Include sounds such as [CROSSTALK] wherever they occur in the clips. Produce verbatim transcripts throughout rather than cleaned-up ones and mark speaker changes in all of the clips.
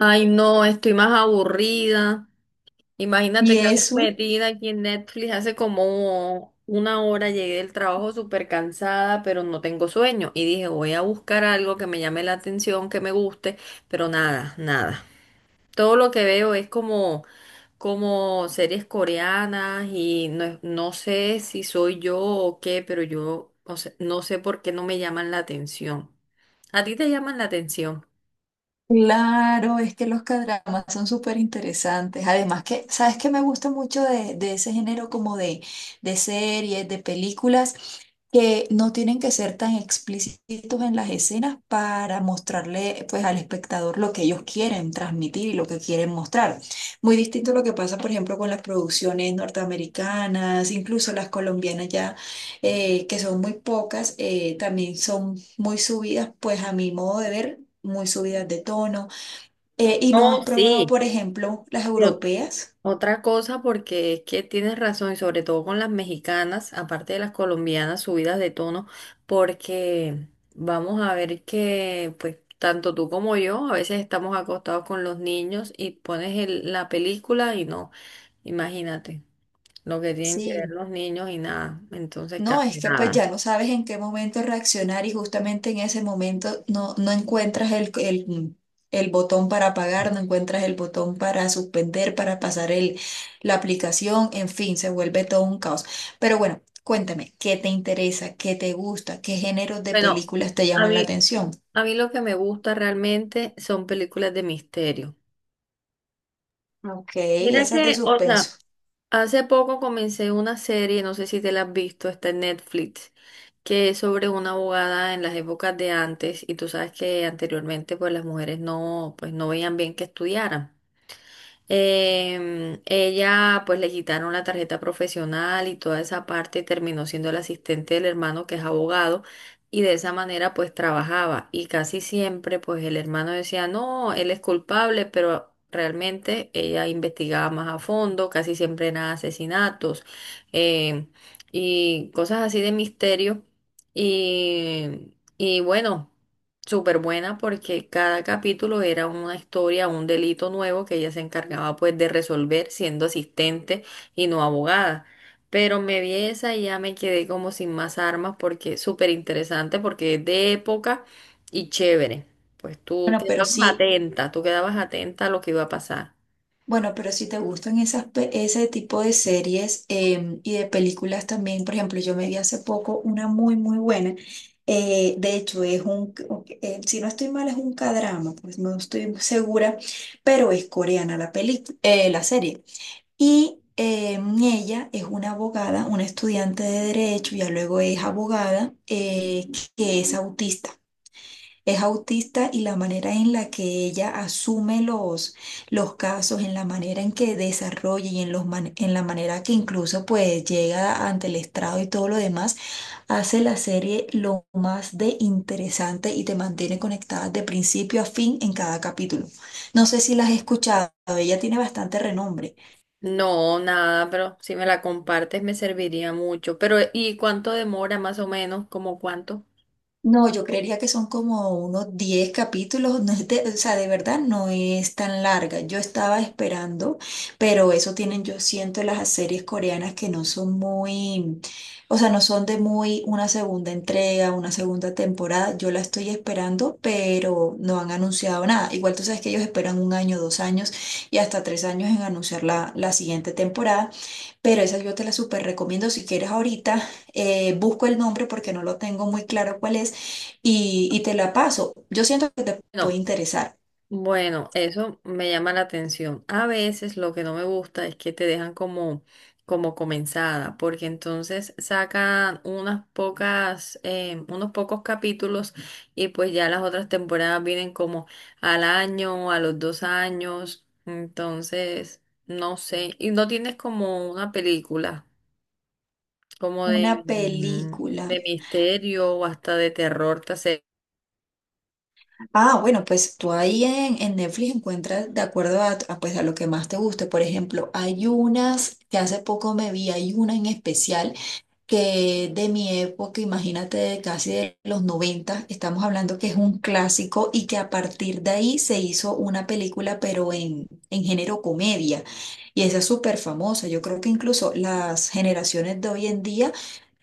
Speaker 1: Ay, no, estoy más aburrida. Imagínate
Speaker 2: Y
Speaker 1: que ando
Speaker 2: eso,
Speaker 1: metida aquí en Netflix hace como una hora. Llegué del trabajo súper cansada, pero no tengo sueño. Y dije, voy a buscar algo que me llame la atención, que me guste, pero nada, nada. Todo lo que veo es como, como series coreanas, y no, es- no sé si soy yo o qué, pero yo, o sea, no sé por qué no me llaman la atención. ¿A ti te llaman la atención?
Speaker 2: claro, es que los cadramas son súper interesantes. Además que, ¿sabes qué me gusta mucho de, de ese género como de, de series, de películas, que no tienen que ser tan explícitos en las escenas para mostrarle pues al espectador lo que ellos quieren transmitir y lo que quieren mostrar. Muy distinto a lo que pasa, por ejemplo, con las producciones norteamericanas, incluso las colombianas ya eh, que son muy pocas, eh, también son muy subidas, pues a mi modo de ver, muy subidas de tono. Eh, ¿y no has
Speaker 1: No,
Speaker 2: probado,
Speaker 1: sí.
Speaker 2: por ejemplo, las europeas?
Speaker 1: Otra cosa, porque es que tienes razón, y sobre todo con las mexicanas, aparte de las colombianas, subidas de tono, porque vamos a ver que, pues, tanto tú como yo, a veces estamos acostados con los niños y pones el- la película y no, imagínate lo que tienen que ver
Speaker 2: Sí.
Speaker 1: los niños, y nada, entonces
Speaker 2: No, es
Speaker 1: casi
Speaker 2: que pues
Speaker 1: nada.
Speaker 2: ya no sabes en qué momento reaccionar y justamente en ese momento no, no encuentras el, el, el botón para apagar, no encuentras el botón para suspender, para pasar el, la aplicación, en fin, se vuelve todo un caos. Pero bueno, cuéntame, ¿qué te interesa? ¿Qué te gusta? ¿Qué géneros de
Speaker 1: Bueno,
Speaker 2: películas te
Speaker 1: a
Speaker 2: llaman la
Speaker 1: mí,
Speaker 2: atención?
Speaker 1: a mí lo que me gusta realmente son películas de misterio.
Speaker 2: Ok,
Speaker 1: Mira
Speaker 2: esas de
Speaker 1: que, o
Speaker 2: suspenso.
Speaker 1: sea, hace poco comencé una serie, no sé si te la has visto, está en Netflix, que es sobre una abogada en las épocas de antes, y tú sabes que anteriormente pues las mujeres no, pues no veían bien que estudiaran. Em, ella, pues le quitaron la tarjeta profesional y toda esa parte, terminó siendo el asistente del hermano, que es abogado, y de esa manera pues trabajaba, y casi siempre pues el hermano decía, no, él es culpable, pero realmente ella investigaba más a fondo, casi siempre eran asesinatos em, y cosas así de misterio. Y, y bueno, súper buena porque cada capítulo era una historia, un delito nuevo que ella se encargaba pues de resolver siendo asistente y no abogada. Pero me vi esa y ya me quedé como sin más armas, porque es súper interesante, porque es de época y chévere. Pues tú
Speaker 2: Bueno, pero
Speaker 1: quedabas
Speaker 2: sí,
Speaker 1: atenta, tú quedabas atenta a lo que iba a pasar.
Speaker 2: bueno, pero si te gustan esas, pe- ese tipo de series em, y de películas también, por ejemplo, yo me vi hace poco una muy, muy buena. Eh, de hecho, es un, ok, eh, si no estoy mal, es un cadrama, pues no estoy segura, pero es coreana la peli, eh, la serie. Y em, ella es una abogada, una estudiante de derecho, ya luego es abogada, eh, que es autista. Es autista y la manera en la que ella asume los, los casos, en la manera en que desarrolla y en, los man- en la manera que incluso pues llega ante el estrado y todo lo demás, hace la serie lo más de interesante y te mantiene conectada de principio a fin en cada capítulo. No sé si la has escuchado, ella tiene bastante renombre.
Speaker 1: No, nada, pero si me la compartes me serviría mucho. Pero, ¿y cuánto demora más o menos? ¿Como cuánto?
Speaker 2: No, yo creería que son como unos diez capítulos, no es de- o sea, de verdad no es tan larga. Yo estaba esperando, pero eso tienen, yo siento, las series coreanas que no son muy, o sea, no son de muy una segunda entrega, una segunda temporada. Yo la estoy esperando, pero no han anunciado nada. Igual tú sabes que ellos esperan un año, dos años y hasta tres años en anunciar la, la siguiente temporada. Pero esa yo te la súper recomiendo si quieres ahorita. Eh, busco el nombre porque no lo tengo muy claro cuál es y, y te la paso. Yo siento que te puede
Speaker 1: No.
Speaker 2: interesar.
Speaker 1: Bueno, eso me llama la atención. A veces lo que no me gusta es que te dejan como como comenzada, porque entonces sacan unas pocas, eh, unos pocos capítulos, y pues ya las otras temporadas vienen como al año, a los dos años, entonces no sé. Y no tienes como una película, como de,
Speaker 2: Una
Speaker 1: mm,
Speaker 2: película.
Speaker 1: de misterio o hasta de terror. te hace-
Speaker 2: Ah, bueno, pues tú ahí en, en Netflix encuentras de acuerdo a, a, pues, a lo que más te guste. Por ejemplo, hay unas que hace poco me vi, hay una en especial que de mi época, imagínate, de casi de los noventa, estamos hablando que es un clásico y que a partir de ahí se hizo una película, pero en, en género comedia. Y esa es súper famosa. Yo creo que incluso las generaciones de hoy en día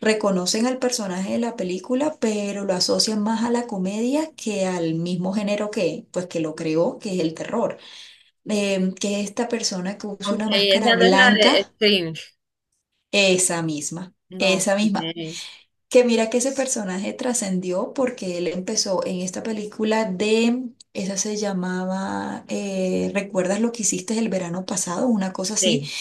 Speaker 2: reconocen al personaje de la película, pero lo asocian más a la comedia que al mismo género que, pues, que lo creó, que es el terror. Em, que esta persona que usa
Speaker 1: Ok,
Speaker 2: una máscara
Speaker 1: esa no es la de
Speaker 2: blanca,
Speaker 1: Strange.
Speaker 2: esa misma.
Speaker 1: No.
Speaker 2: Esa misma.
Speaker 1: Ok.
Speaker 2: Que mira que ese personaje trascendió porque él empezó en esta película de, esa se llamaba eh, ¿recuerdas lo que hiciste el verano pasado? Una cosa así.
Speaker 1: Sí.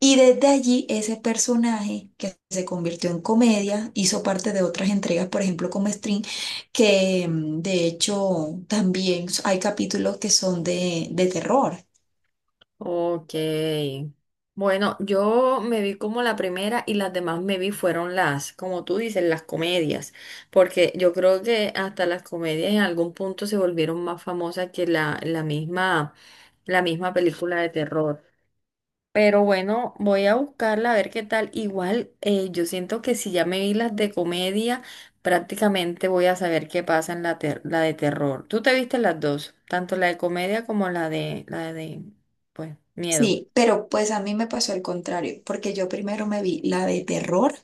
Speaker 2: Y desde allí ese personaje que se convirtió en comedia hizo parte de otras entregas, por ejemplo como String, que mm, de hecho también hay capítulos que son de, de terror.
Speaker 1: Ok. Bueno, yo me vi como la primera y las demás me vi fueron las, como tú dices, las comedias, porque yo creo que hasta las comedias en algún punto se volvieron más famosas que la, la misma, la misma película de terror. Pero bueno, voy a buscarla a ver qué tal. Igual, eh, yo siento que si ya me vi las de comedia, prácticamente voy a saber qué pasa en la, ter- la de terror. ¿Tú te viste las dos? Tanto la de comedia como la de, la de, pues, miedo.
Speaker 2: Sí, pero pues a mí me pasó el contrario, porque yo primero me vi la de terror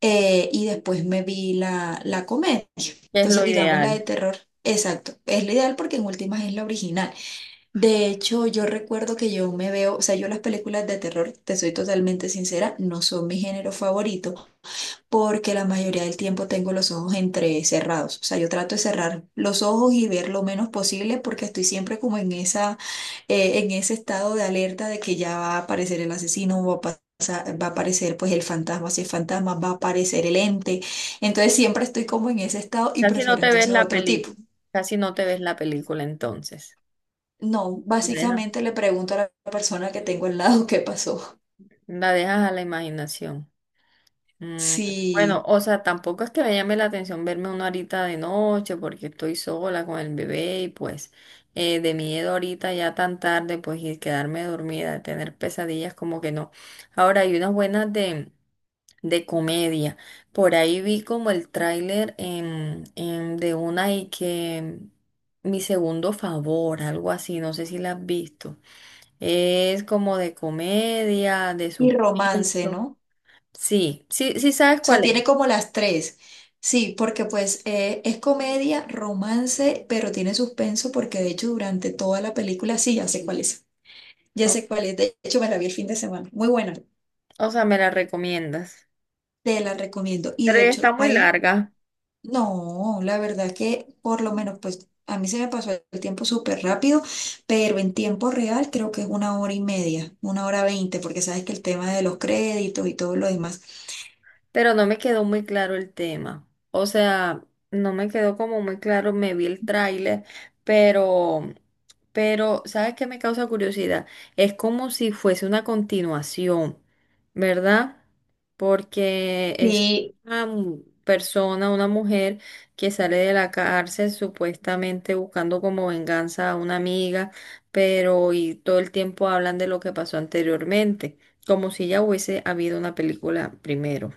Speaker 2: eh, y después me vi la, la comedia.
Speaker 1: Que es
Speaker 2: Entonces,
Speaker 1: lo
Speaker 2: digamos la de
Speaker 1: ideal.
Speaker 2: terror. Exacto, es la ideal porque en últimas es la original. De hecho, yo recuerdo que yo me veo, o sea, yo las películas de terror, te soy totalmente sincera, no son mi género favorito, porque la mayoría del tiempo tengo los ojos entrecerrados. O sea, yo trato de cerrar los ojos y ver lo menos posible porque estoy siempre como en esa, eh, en ese estado de alerta de que ya va a aparecer el asesino, va a pa- pasar- va a aparecer pues el fantasma, si es fantasma, va a aparecer el ente. Entonces siempre estoy como en ese estado y
Speaker 1: Casi no
Speaker 2: prefiero
Speaker 1: te ves
Speaker 2: entonces
Speaker 1: la
Speaker 2: otro tipo.
Speaker 1: película, casi no te ves la película entonces.
Speaker 2: No,
Speaker 1: La dejas,
Speaker 2: básicamente le pregunto a la persona que tengo al lado [LAUGHS] qué pasó.
Speaker 1: la dejas a la imaginación. Mm, bueno,
Speaker 2: Sí,
Speaker 1: o sea, tampoco es que me llame la atención verme una horita de noche, porque estoy sola con el bebé y pues eh, de miedo ahorita ya tan tarde pues, y quedarme dormida, tener pesadillas, como que no. Ahora hay unas buenas de... de comedia. Por ahí vi como el tráiler em, em, de una, y que mi segundo favor, algo así, no sé si la has visto. Es como de comedia, de
Speaker 2: y romance,
Speaker 1: suspenso.
Speaker 2: ¿no?
Speaker 1: Sí, sí, sí sabes
Speaker 2: O sea,
Speaker 1: cuál
Speaker 2: tiene
Speaker 1: es.
Speaker 2: como las tres. Sí, porque pues eh, es comedia, romance, pero tiene suspenso porque de hecho durante toda la película, sí, ya sé cuál es. Ya
Speaker 1: O,
Speaker 2: sé cuál es. De hecho, me la vi el fin de semana. Muy buena.
Speaker 1: o sea, me la recomiendas.
Speaker 2: Te la recomiendo. Y
Speaker 1: Pero
Speaker 2: de
Speaker 1: ya está
Speaker 2: hecho,
Speaker 1: muy
Speaker 2: ahí,
Speaker 1: larga.
Speaker 2: no, la verdad que por lo menos pues a mí se me pasó el tiempo súper rápido, pero en tiempo real creo que es una hora y media, una hora veinte, porque sabes que el tema de los créditos y todo lo demás.
Speaker 1: Pero no me quedó muy claro el tema. O sea, no me quedó como muy claro, me vi el tráiler, pero, pero, ¿sabes qué me causa curiosidad? Es como si fuese una continuación, ¿verdad? Porque es
Speaker 2: Sí.
Speaker 1: una mu- persona, una mujer que sale de la cárcel supuestamente buscando como venganza a una amiga, pero y todo el tiempo hablan de lo que pasó anteriormente, como si ya hubiese habido una película primero.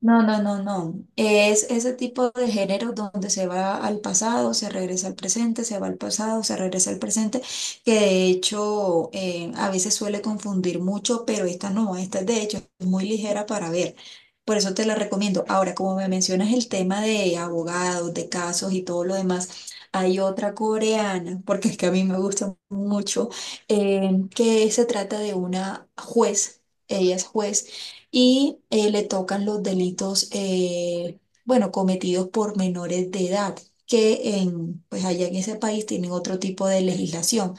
Speaker 2: No, no, no, no. Es ese tipo de género donde se va al pasado, se regresa al presente, se va al pasado, se regresa al presente, que de hecho eh, a veces suele confundir mucho, pero esta no, esta de hecho es muy ligera para ver. Por eso te la recomiendo. Ahora, como me mencionas el tema de abogados, de casos y todo lo demás, hay otra coreana, porque es que a mí me gusta mucho, eh, que se trata de una juez. Ella es juez y eh, le tocan los delitos, eh, bueno, cometidos por menores de edad, que en, pues allá en ese país tienen otro tipo de legislación.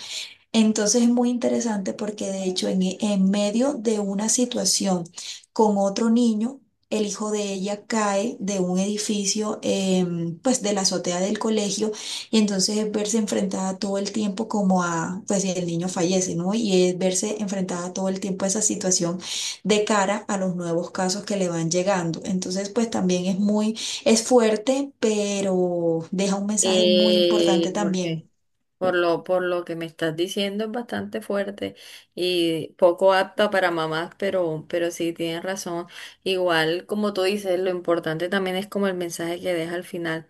Speaker 2: Entonces es muy interesante porque de hecho en, e- en medio de una situación con otro niño, el hijo de ella cae de un edificio, em, pues de la azotea del colegio y entonces es verse enfrentada todo el tiempo como a, pues el niño fallece, ¿no? Y es verse enfrentada todo el tiempo a esa situación de cara a los nuevos casos que le van llegando. Entonces pues también es muy, es fuerte, pero deja un mensaje muy
Speaker 1: Eh,
Speaker 2: importante también.
Speaker 1: porque por lo, por lo que me estás diciendo es bastante fuerte y poco apta para mamás, pero, pero sí tienes razón. Igual, como tú dices, lo importante también es como el mensaje que deja al final.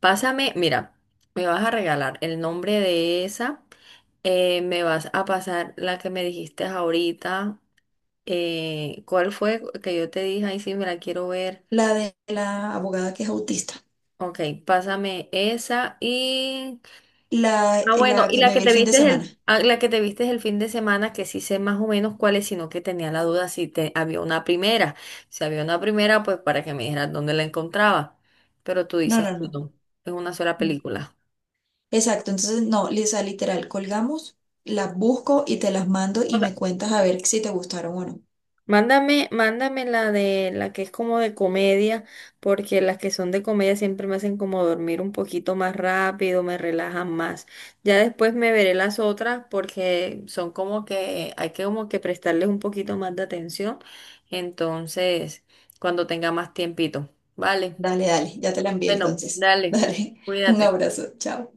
Speaker 1: Pásame, mira, me vas a regalar el nombre de esa, eh, me vas a pasar la que me dijiste ahorita. Eh, ¿cuál fue que yo te dije? Ay, sí, me la quiero ver.
Speaker 2: La de la abogada que es autista.
Speaker 1: Ok, pásame esa. Y
Speaker 2: La,
Speaker 1: ah,
Speaker 2: la
Speaker 1: bueno, y
Speaker 2: que
Speaker 1: la
Speaker 2: me
Speaker 1: que
Speaker 2: vi el
Speaker 1: te
Speaker 2: fin de
Speaker 1: viste
Speaker 2: semana.
Speaker 1: el, ah, la que te viste el fin de semana, que sí sé más o menos cuál es, sino que tenía la duda si te, había una primera. Si había una primera, pues para que me dijeras dónde la encontraba. Pero tú
Speaker 2: No,
Speaker 1: dices
Speaker 2: no,
Speaker 1: que
Speaker 2: no.
Speaker 1: no, es una sola
Speaker 2: Mm,
Speaker 1: película.
Speaker 2: exacto. Entonces, no, Lisa, literal, colgamos, las busco y te las mando y me cuentas a ver si te gustaron o no.
Speaker 1: Mándame, mándame la de la que es como de comedia, porque las que son de comedia siempre me hacen como dormir un poquito más rápido, me relajan más. Ya después me veré las otras, porque son como que hay que como que prestarles un poquito más de atención. Entonces, cuando tenga más tiempito. Vale.
Speaker 2: Dale, dale, ya te la envié
Speaker 1: Bueno,
Speaker 2: entonces. [LAUGHS]
Speaker 1: dale.
Speaker 2: Dale, un
Speaker 1: Cuídate.
Speaker 2: abrazo, chao.